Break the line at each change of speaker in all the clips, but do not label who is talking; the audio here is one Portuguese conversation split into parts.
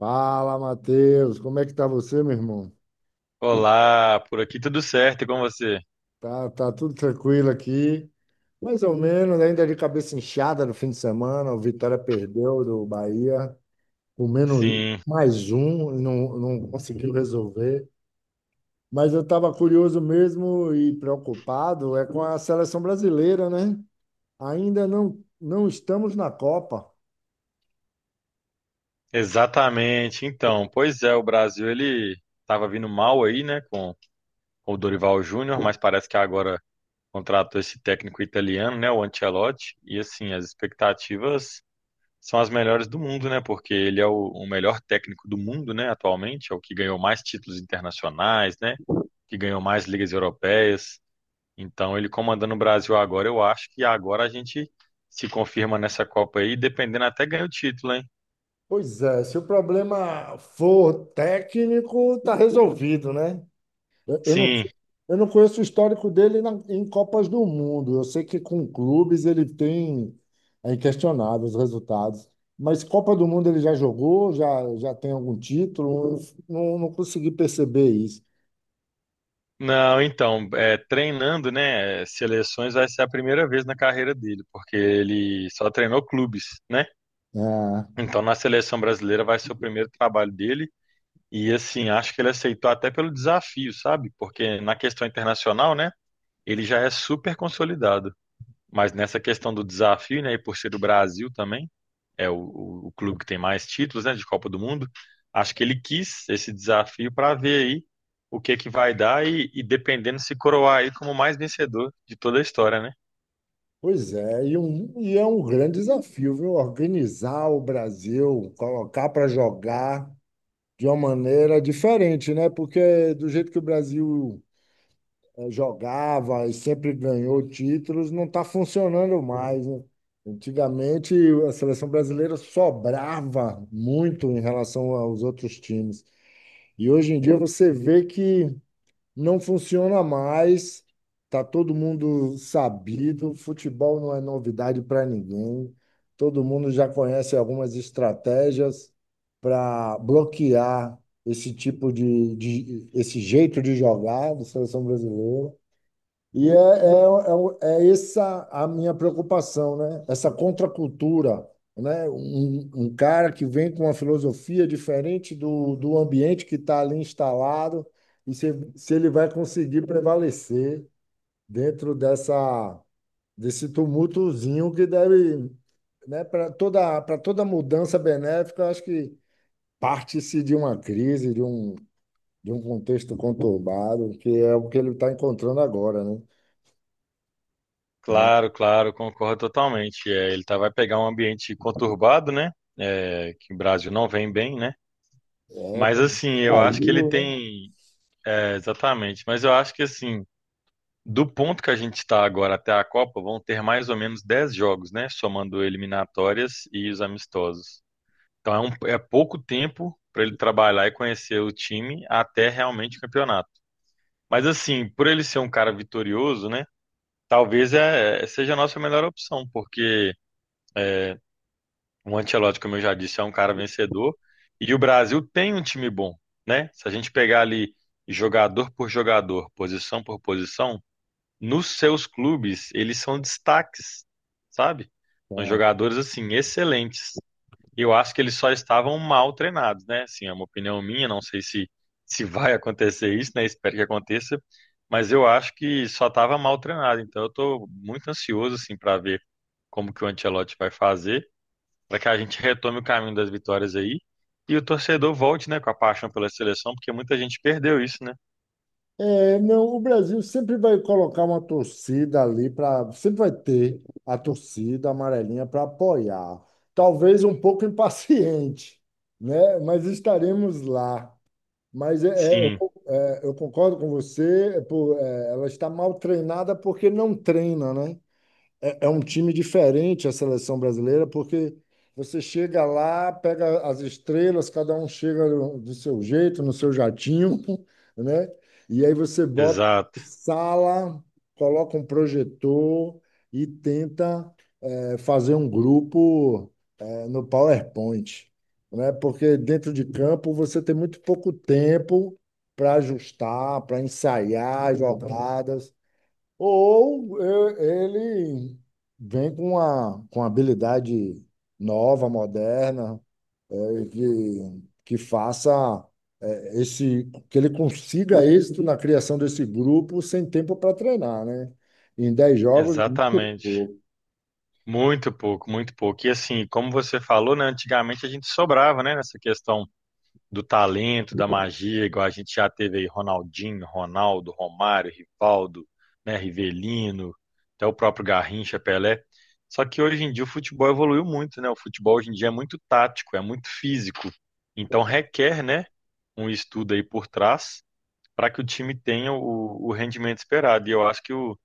Fala, Matheus, como é que tá você, meu irmão?
Olá, por aqui tudo certo e com você?
Tá, tudo tranquilo aqui, mais ou menos, ainda de cabeça inchada no fim de semana, o Vitória perdeu do Bahia, com menos
Sim,
mais um, não conseguiu resolver. Mas eu estava curioso mesmo e preocupado é com a seleção brasileira, né? Ainda não estamos na Copa.
exatamente. Então, pois é, o Brasil ele estava vindo mal aí, né, com o Dorival Júnior, mas parece que agora contratou esse técnico italiano, né, o Ancelotti, e assim, as expectativas são as melhores do mundo, né, porque ele é o melhor técnico do mundo, né, atualmente, é o que ganhou mais títulos internacionais, né, que ganhou mais ligas europeias. Então, ele comandando o Brasil agora, eu acho que agora a gente se confirma nessa Copa aí, dependendo até ganha o título, hein?
Pois é, se o problema for técnico, tá resolvido, né? Eu, eu não,
Sim.
eu não conheço o histórico dele em Copas do Mundo. Eu sei que com clubes ele tem, é inquestionável os resultados. Mas Copa do Mundo ele já jogou, já, já tem algum título? Eu Não, não consegui perceber isso.
Não, então, é, treinando, né, seleções vai ser a primeira vez na carreira dele, porque ele só treinou clubes, né?
Ah,
Então, na seleção brasileira vai ser o primeiro trabalho dele. E assim, acho que ele aceitou até pelo desafio, sabe? Porque na questão internacional, né, ele já é super consolidado. Mas nessa questão do desafio, né, e por ser do Brasil também, é o clube que tem mais títulos, né, de Copa do Mundo. Acho que ele quis esse desafio para ver aí o que que vai dar e dependendo se coroar aí como o mais vencedor de toda a história, né?
pois é, e, e é um grande desafio, viu? Organizar o Brasil, colocar para jogar de uma maneira diferente, né? Porque do jeito que o Brasil jogava e sempre ganhou títulos, não está funcionando mais, né? Antigamente, a seleção brasileira sobrava muito em relação aos outros times. E hoje em dia você vê que não funciona mais, tá todo mundo sabido, futebol não é novidade para ninguém, todo mundo já conhece algumas estratégias para bloquear esse tipo esse jeito de jogar da seleção brasileira. É essa a minha preocupação, né? Essa contracultura, né? Um cara que vem com uma filosofia diferente do ambiente que está ali instalado e se ele vai conseguir prevalecer dentro desse tumultozinho que deve, né? Para toda mudança benéfica, eu acho que parte-se de uma crise, de um contexto conturbado, que é o que ele está encontrando agora, né? Mas
Claro, claro, concordo totalmente. É, ele tá, vai pegar um ambiente conturbado, né? É, que o Brasil não vem bem, né?
é,
Mas assim, eu
caiu,
acho que ele
né?
tem. É, exatamente. Mas eu acho que assim, do ponto que a gente está agora até a Copa, vão ter mais ou menos 10 jogos, né? Somando eliminatórias e os amistosos. Então é, é pouco tempo para ele trabalhar e conhecer o time até realmente o campeonato. Mas assim, por ele ser um cara vitorioso, né? Talvez seja a nossa melhor opção, porque o Ancelotti, como eu já disse, é um cara vencedor e o Brasil tem um time bom, né? Se a gente pegar ali jogador por jogador, posição por posição, nos seus clubes eles são destaques, sabe? São
Cara?
jogadores assim excelentes. E eu acho que eles só estavam mal treinados, né? Assim, é uma opinião minha, não sei se, se vai acontecer isso, né? Espero que aconteça, mas eu acho que só estava mal treinado. Então eu estou muito ansioso assim para ver como que o Ancelotti vai fazer, para que a gente retome o caminho das vitórias aí e o torcedor volte, né, com a paixão pela seleção, porque muita gente perdeu isso, né?
É, não, o Brasil sempre vai colocar uma torcida ali para, sempre vai ter a torcida amarelinha para apoiar. Talvez um pouco impaciente, né? Mas estaremos lá.
Sim,
Eu concordo com você, ela está mal treinada porque não treina, né? É um time diferente a seleção brasileira, porque você chega lá, pega as estrelas, cada um chega do seu jeito, no seu jatinho, né? E aí você bota
exato,
sala, coloca um projetor e tenta fazer um grupo no PowerPoint, né? Porque dentro de campo você tem muito pouco tempo para ajustar, para ensaiar as jogadas. Ele vem com uma habilidade nova, moderna, é, que faça que ele consiga êxito na criação desse grupo sem tempo para treinar, né? Em 10 jogos é muito
exatamente.
pouco.
Muito pouco, muito pouco. E assim, como você falou, né, antigamente a gente sobrava, né, nessa questão do talento, da magia, igual a gente já teve aí Ronaldinho, Ronaldo, Romário, Rivaldo, né, Rivelino, até o próprio Garrincha, Pelé. Só que hoje em dia o futebol evoluiu muito, né? O futebol hoje em dia é muito tático, é muito físico. Então requer, né, um estudo aí por trás para que o time tenha o rendimento esperado. E eu acho que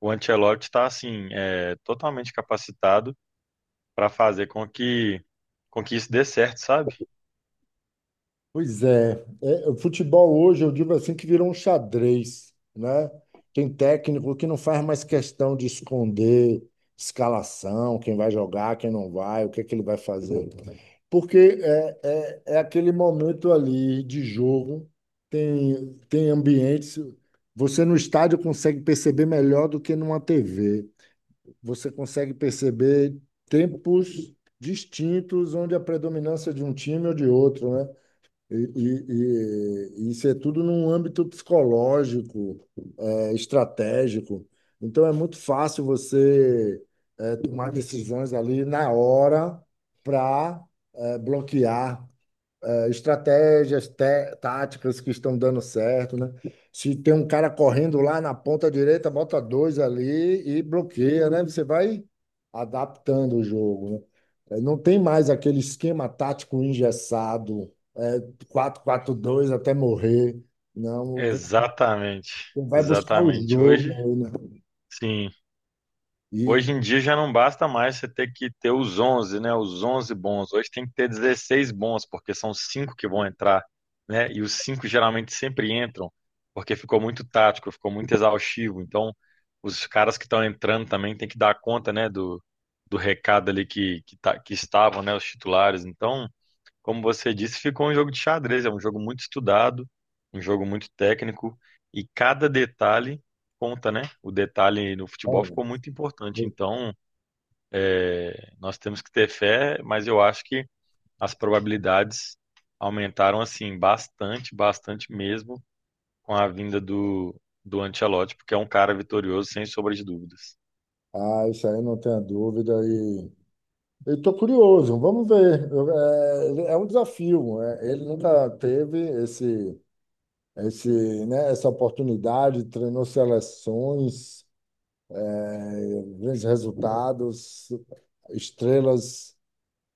o Ancelotti está assim, é, totalmente capacitado para fazer com que isso dê certo, sabe?
Pois é, é, o futebol hoje, eu digo assim, que virou um xadrez, né? Tem técnico que não faz mais questão de esconder escalação, quem vai jogar, quem não vai, o que é que ele vai fazer. É aquele momento ali de jogo, tem ambientes. Você no estádio consegue perceber melhor do que numa TV. Você consegue perceber tempos distintos onde a predominância de um time ou de outro, né? E, e isso é tudo num âmbito psicológico, é, estratégico. Então é muito fácil você tomar decisões ali na hora para bloquear, estratégias, táticas que estão dando certo, né? Se tem um cara correndo lá na ponta direita, bota dois ali e bloqueia, né? Você vai adaptando o jogo, né? É, não tem mais aquele esquema tático engessado, é, quatro 4 2 até morrer. Não, você
Exatamente,
vai buscar o
exatamente. Hoje,
jogo, né?
sim, hoje
E,
em dia já não basta mais você ter que ter os onze, né? Os 11 bons. Hoje tem que ter 16 bons, porque são cinco que vão entrar, né? E os cinco geralmente sempre entram, porque ficou muito tático, ficou muito exaustivo. Então, os caras que estão entrando também tem que dar conta, né, do recado ali que, tá, que estavam, né, os titulares. Então, como você disse, ficou um jogo de xadrez. É um jogo muito estudado, um jogo muito técnico e cada detalhe conta, né? O detalhe no futebol
olha,
ficou muito importante. Então, é, nós temos que ter fé, mas eu acho que as probabilidades aumentaram assim bastante, bastante mesmo com a vinda do Ancelotti, porque é um cara vitorioso sem sombra de dúvidas.
ah, isso aí não tenha dúvida. Eu estou curioso, vamos ver. É, é um desafio. É, ele nunca teve esse, né, essa oportunidade, treinou seleções, eh, grandes resultados, estrelas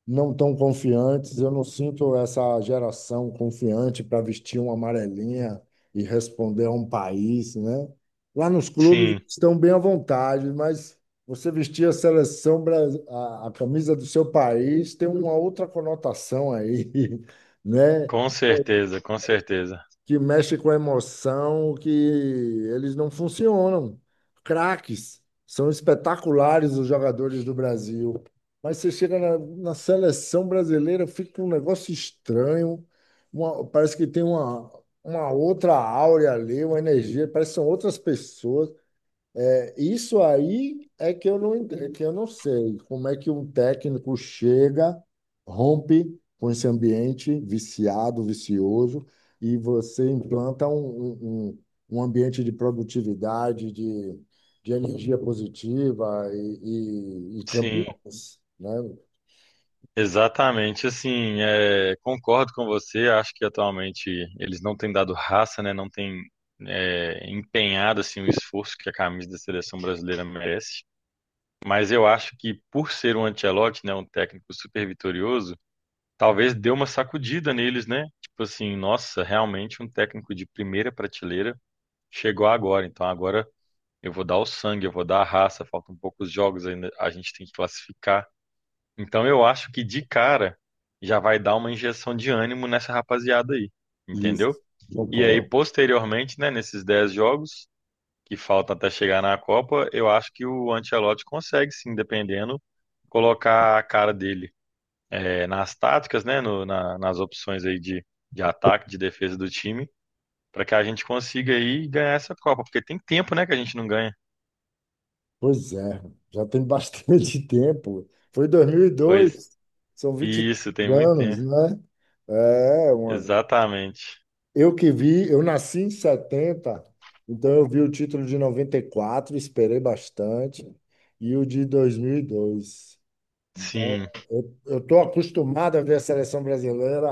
não tão confiantes. Eu não sinto essa geração confiante para vestir uma amarelinha e responder a um país, né? Lá nos clubes
Sim,
estão bem à vontade, mas você vestir a seleção, a camisa do seu país tem uma outra conotação aí, né?
com certeza, com certeza.
Que mexe com a emoção, que eles não funcionam. Craques, são espetaculares os jogadores do Brasil. Mas você chega na seleção brasileira, fica um negócio estranho. Parece que tem uma outra áurea ali, uma energia, parece que são outras pessoas. Isso aí é que eu não, ent- é que eu não sei como é que um técnico chega, rompe com esse ambiente viciado, vicioso, e você implanta um um ambiente de produtividade, de energia positiva e
Sim.
campeões, né?
Exatamente, assim, é, concordo com você. Acho que atualmente eles não têm dado raça, né? Não têm, é, empenhado assim o esforço que a camisa da seleção brasileira merece. Mas eu acho que por ser um Ancelotti, né, um técnico super vitorioso, talvez deu uma sacudida neles, né? Tipo assim, nossa, realmente um técnico de primeira prateleira chegou agora. Então agora eu vou dar o sangue, eu vou dar a raça. Faltam poucos jogos ainda, a gente tem que classificar. Então eu acho que de cara já vai dar uma injeção de ânimo nessa rapaziada aí, entendeu?
Isso,
E aí,
concordo.
posteriormente, né, nesses 10 jogos que faltam até chegar na Copa, eu acho que o Ancelotti consegue, sim, dependendo, colocar a cara dele, eh, nas táticas, né, nas opções aí de ataque, de defesa do time, para que a gente consiga aí ganhar essa Copa, porque tem tempo, né, que a gente não ganha.
Pois é, já tem bastante tempo. Foi
Pois
2002, são 20
isso, tem muito
anos,
tempo.
né? É, uma
Exatamente.
Eu que vi, eu nasci em 70, então eu vi o título de 94, esperei bastante, e o de 2002. Então,
Sim,
eu estou acostumado a ver a seleção brasileira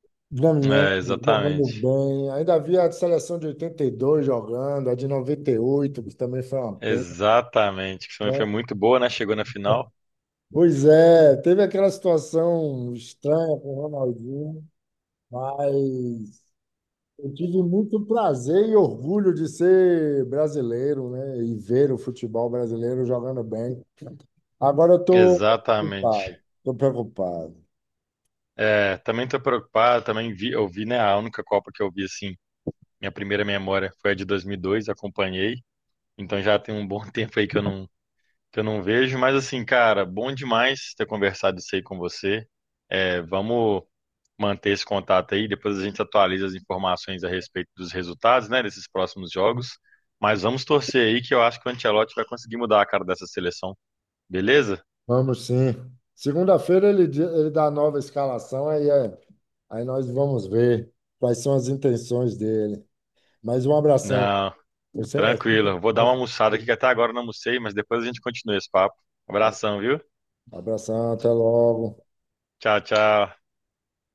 ganhando,
é,
jogando
exatamente.
bem. Ainda vi a seleção de 82 jogando, a de 98 que também foi uma pena,
Exatamente, que também
né?
foi muito boa, né? Chegou na final.
Pois é, teve aquela situação estranha com o Ronaldinho, mas eu tive muito prazer e orgulho de ser brasileiro, né? E ver o futebol brasileiro jogando bem. Agora eu estou
Exatamente.
preocupado. Estou preocupado.
É, também tô preocupado, também vi, eu vi, né, a única Copa que eu vi assim, minha primeira memória foi a de 2002, acompanhei. Então já tem um bom tempo aí que eu que eu não vejo, mas assim, cara, bom demais ter conversado isso aí com você. É, vamos manter esse contato aí, depois a gente atualiza as informações a respeito dos resultados, né, desses próximos jogos. Mas vamos torcer aí que eu acho que o Ancelotti vai conseguir mudar a cara dessa seleção, beleza?
Vamos sim. Segunda-feira ele, ele dá a nova escalação, aí, aí nós vamos ver quais são as intenções dele. Mas um abração.
Não,
Você, é, sempre
tranquilo. Vou dar uma
bom.
almoçada aqui, que até agora eu não almocei, mas depois a gente continua esse papo. Abração, viu?
Abração, até logo.
Tchau, tchau.